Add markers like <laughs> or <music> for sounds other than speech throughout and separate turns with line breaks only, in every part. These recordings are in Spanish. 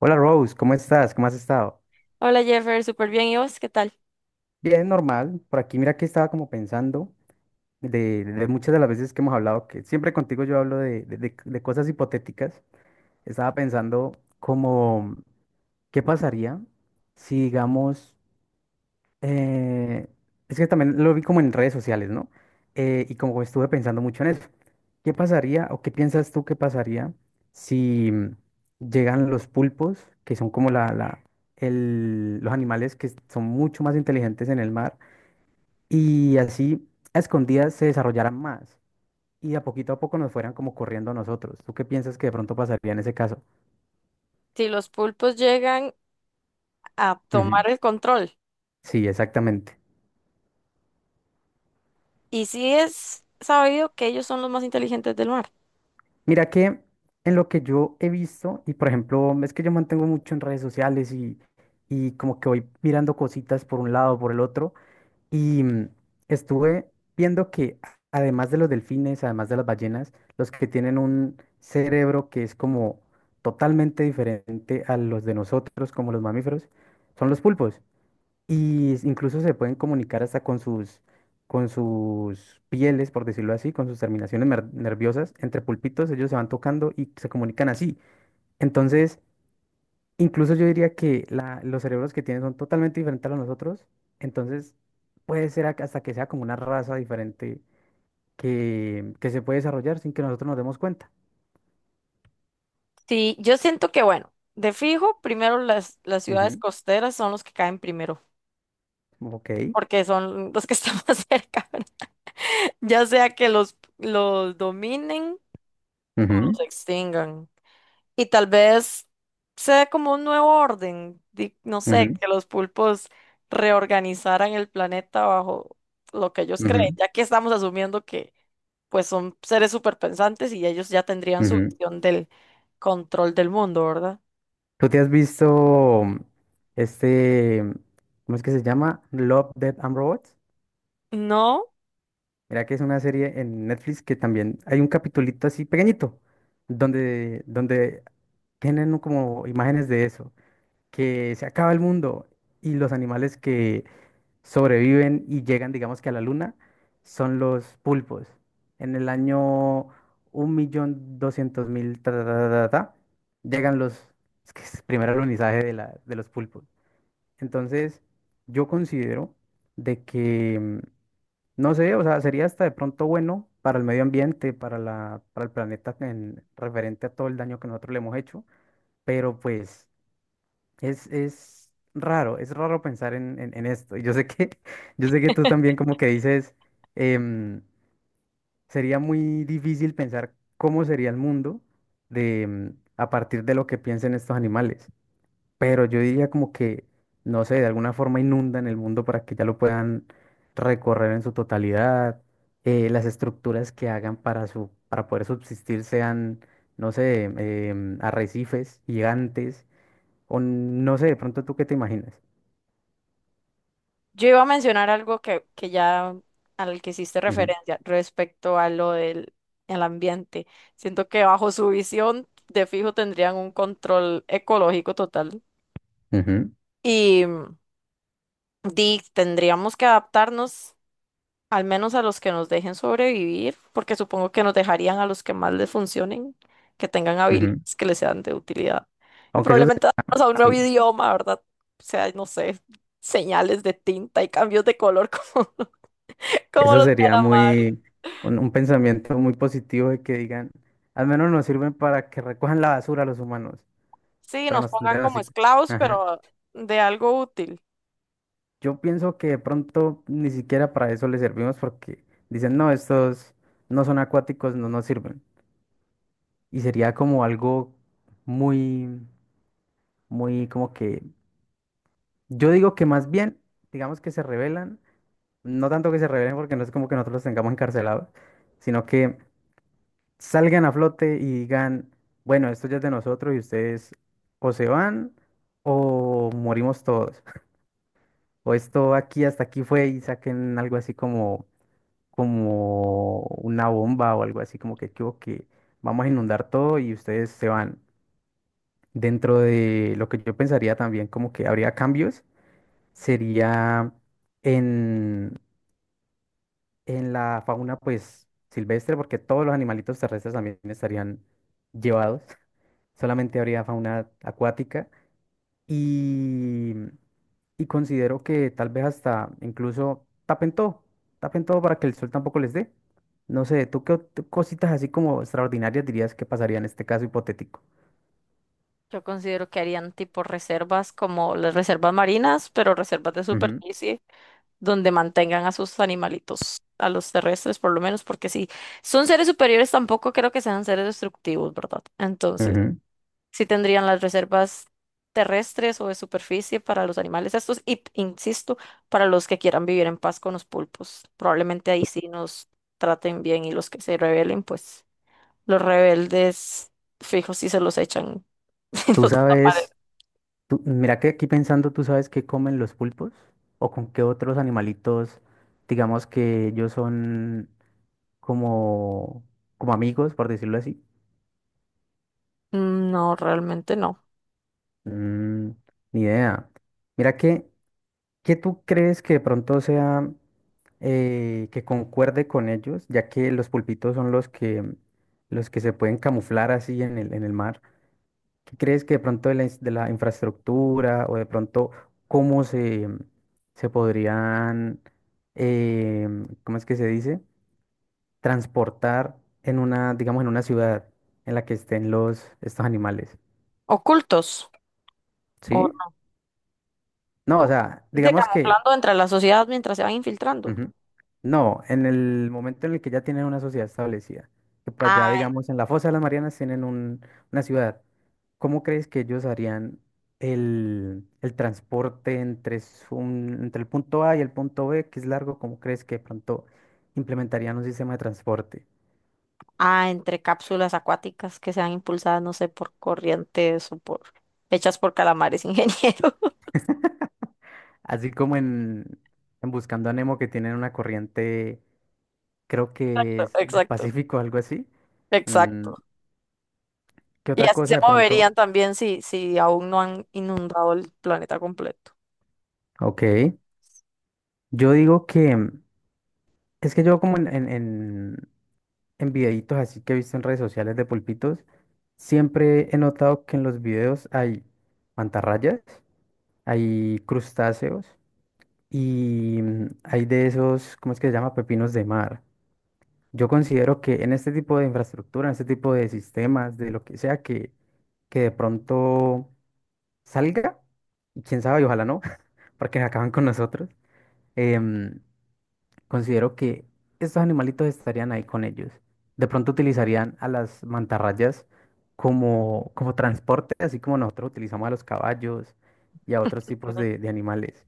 Hola Rose, ¿cómo estás? ¿Cómo has estado?
Hola Jeffer, súper bien. ¿Y vos qué tal?
Bien, normal. Por aquí mira que estaba como pensando de muchas de las veces que hemos hablado, que siempre contigo yo hablo de cosas hipotéticas. Estaba pensando como, ¿qué pasaría si digamos... Eh, es que también lo vi como en redes sociales, ¿no? Y como estuve pensando mucho en eso. ¿Qué pasaría o qué piensas tú que pasaría si llegan los pulpos, que son como los animales que son mucho más inteligentes en el mar, y así a escondidas se desarrollaran más y de a poquito a poco nos fueran como corriendo a nosotros? ¿Tú qué piensas que de pronto pasaría en ese caso?
Si los pulpos llegan a
Ujú.
tomar el control,
Sí, exactamente.
y sí es sabido que ellos son los más inteligentes del mar.
Mira que en lo que yo he visto, y por ejemplo, es que yo mantengo mucho en redes sociales y como que voy mirando cositas por un lado, por el otro, y estuve viendo que además de los delfines, además de las ballenas, los que tienen un cerebro que es como totalmente diferente a los de nosotros, como los mamíferos, son los pulpos. Y incluso se pueden comunicar hasta con sus pieles, por decirlo así, con sus terminaciones nerviosas. Entre pulpitos ellos se van tocando y se comunican así. Entonces, incluso yo diría que los cerebros que tienen son totalmente diferentes a los nosotros. Entonces, puede ser hasta que sea como una raza diferente que se puede desarrollar sin que nosotros nos demos cuenta.
Sí, yo siento que, bueno, de fijo, primero las ciudades costeras son los que caen primero,
Ujú, ok.
porque son los que están <laughs> más cerca, ¿verdad? Ya sea que los dominen o
Ujú,
los extingan. Y tal vez sea como un nuevo orden, no sé, que los pulpos reorganizaran el planeta bajo lo que ellos
ujú, ujú,
creen, ya que estamos asumiendo que pues son seres superpensantes y ellos ya tendrían su
ujú.
visión del control del mundo, ¿verdad?
¿Tú te has visto, este, cómo es que se llama? Love, Death and Robots.
No,
Mira que es una serie en Netflix que también hay un capitulito así pequeñito, donde tienen como imágenes de eso, que se acaba el mundo y los animales que sobreviven y llegan, digamos que a la luna, son los pulpos. En el año 1,200,000, ta, ta, ta, ta, ta, llegan es que es el primer alunizaje de los pulpos. Entonces, yo considero de que, no sé, o sea, sería hasta de pronto bueno para el medio ambiente, para el planeta en referente a todo el daño que nosotros le hemos hecho, pero pues es raro pensar en esto. Y yo sé que, <laughs> yo sé que tú también como que dices, em, sería muy difícil pensar cómo sería el mundo de, mm, a partir de lo que piensen estos animales, pero yo diría como que, no sé, de alguna forma inundan el mundo para que ya lo puedan recorrer en su totalidad, las estructuras que hagan para, para poder subsistir sean, no sé, arrecifes gigantes, o no sé, de pronto tú qué te imaginas.
yo iba a mencionar algo que ya al que hiciste
Ujú,
referencia respecto a lo del el ambiente. Siento que bajo su visión de fijo tendrían un control ecológico total. Y di, tendríamos que adaptarnos al menos a los que nos dejen sobrevivir, porque supongo que nos dejarían a los que más les funcionen, que tengan
ujú, ujú.
habilidades que les sean de utilidad. Y
Aunque eso,
probablemente adaptarnos a un nuevo
sí,
idioma, ¿verdad? O sea, no sé, señales de tinta y cambios de color <laughs> como, como
eso
los
sería
calamares.
un pensamiento muy positivo de que digan, al menos nos sirven para que recojan la basura los humanos,
Sí,
pero
nos
nos
pongan
tendrían
como
así.
esclavos, pero de algo útil.
Yo pienso que de pronto ni siquiera para eso les servimos porque dicen, no, estos no son acuáticos, no nos sirven. Y sería como algo muy, muy como que, yo digo que más bien, digamos que se rebelan, no tanto que se rebelen porque no es como que nosotros los tengamos encarcelados, sino que salgan a flote y digan, bueno, esto ya es de nosotros y ustedes o se van o morimos todos. <laughs> O esto aquí hasta aquí fue y saquen algo así como una bomba o algo así, como que, "Chvo, que vamos a inundar todo y ustedes se van". Dentro de lo que yo pensaría también, como que habría cambios, sería en, en la fauna pues silvestre, porque todos los animalitos terrestres también estarían llevados, <laughs> solamente habría fauna acuática. y, y considero que tal vez hasta incluso tapen todo para que el sol tampoco les dé. No sé, ¿tú qué cositas así como extraordinarias dirías que pasaría en este caso hipotético?
Yo considero que harían tipo reservas como las reservas marinas, pero reservas de
Ujú,
superficie. Donde mantengan a sus animalitos, a los terrestres por lo menos, porque si son seres superiores tampoco creo que sean seres destructivos, ¿verdad? Entonces,
ujú.
sí tendrían las reservas terrestres o de superficie para los animales estos y, insisto, para los que quieran vivir en paz con los pulpos. Probablemente ahí sí nos traten bien y los que se rebelen, pues los rebeldes fijos sí se los echan <laughs> y
Tú
los
sabes,
desaparecen.
mira que aquí pensando, ¿tú sabes qué comen los pulpos? ¿O con qué otros animalitos, digamos que ellos son como, como amigos, por decirlo así?
No, realmente no.
Mm, ni idea. Mira que, ¿qué tú crees que de pronto sea, que concuerde con ellos, ya que los pulpitos son los que se pueden camuflar así en el mar? ¿Qué crees que de pronto de la infraestructura, o de pronto cómo se podrían... eh, ¿Cómo es que se dice? Transportar en una, digamos, en una ciudad en la que estén estos animales.
Ocultos.
¿Sí? No, o sea,
Dice
digamos que...
camuflando entre la sociedad mientras se van infiltrando.
Ujú. No, en el momento en el que ya tienen una sociedad establecida, que por allá,
Ah,
digamos, en la Fosa de las Marianas tienen una ciudad, ¿cómo crees que ellos harían el transporte entre, entre el punto A y el punto B, que es largo? ¿Cómo crees que de pronto implementarían un sistema de transporte?
entre cápsulas acuáticas que sean impulsadas, no sé, por corrientes o por hechas por calamares, ingeniero.
Así como en Buscando a Nemo, que tienen una corriente, creo que
<laughs>
es del
Exacto,
Pacífico, algo así. Mm,
exacto.
¿Qué
Y
otra
así se
cosa de
moverían
pronto?
también si aún no han inundado el planeta completo.
Ok, yo digo que... Es que yo como en videitos así que he visto en redes sociales de pulpitos, siempre he notado que en los videos hay mantarrayas, hay crustáceos y hay de esos, ¿cómo es que se llama? Pepinos de mar. Yo considero que en este tipo de infraestructura, en este tipo de sistemas, de lo que sea que de pronto salga, y quién sabe, y ojalá no, <laughs> porque acaban con nosotros. em, Considero que estos animalitos estarían ahí con ellos. De pronto utilizarían a las mantarrayas como transporte, así como nosotros utilizamos a los caballos y a otros tipos
Ujú.
de animales.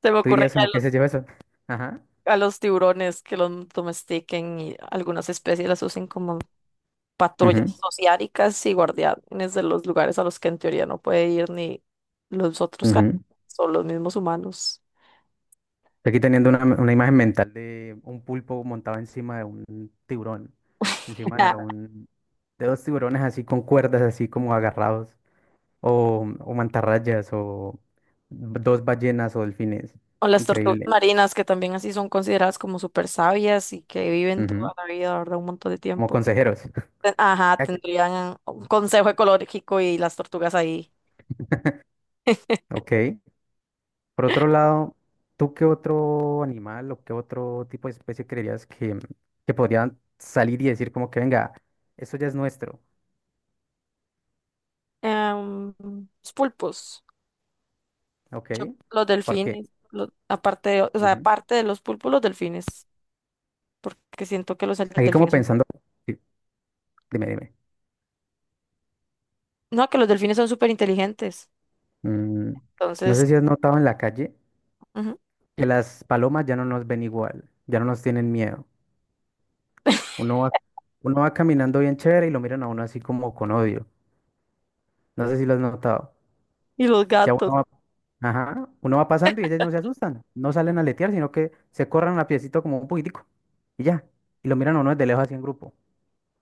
Se me
¿Tú
ocurre
dirías
que a
como que se lleva eso? Ajá.
a los tiburones que los domestiquen y algunas especies las usen como patrullas
Ujú,
sociáricas y guardianes de los lugares a los que en teoría no puede ir ni los otros
ujú.
son los mismos humanos.
Estoy aquí teniendo una imagen mental de un pulpo montado encima de un tiburón, encima de
Ah,
de dos tiburones así con cuerdas, así como agarrados, o, mantarrayas, o dos ballenas o delfines.
o las tortugas
Increíble.
marinas, que también así son consideradas como súper sabias y que viven toda
Ujú,
la vida, ¿verdad? Un montón de
como
tiempo.
consejeros.
Ajá,
Ya que-
tendrían un consejo ecológico y las tortugas ahí.
Ok. Por otro lado, ¿tú qué otro animal o qué otro tipo de especie creerías que podrían salir y decir como que venga, esto ya es nuestro?
Em, los pulpos.
¿Ok?
Yo, los
¿Por qué?
delfines, aparte de, o sea,
Ujú.
aparte de los pulpos, los delfines. Porque siento que los
Aquí como
delfines son.
pensando, sí, dime, dime.
No, que los delfines son súper inteligentes.
Mm, no sé
Entonces,
si has notado en la calle
ujú.
que las palomas ya no nos ven igual, ya no nos tienen miedo.
<laughs>
Uno va, uno va caminando bien chévere y lo miran a uno así como con odio. No sé si lo has notado.
Y los
Ya uno
gatos,
va, ajá, uno va pasando y ellos no se asustan, no salen a letear, sino que se corran a piecito como un poquitico y ya. Y lo miran a uno desde lejos así en grupo.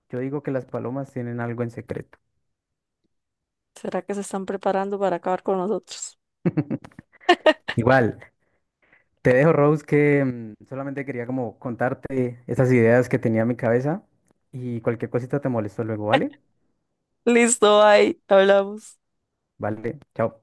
Yo digo que las palomas tienen algo en secreto.
¿será que se están preparando para acabar con nosotros?
<laughs> Igual, te dejo, Rose, que solamente quería como contarte esas ideas que tenía en mi cabeza y cualquier cosita te molesto luego, ¿vale?
Listo, ahí hablamos.
Vale, chao.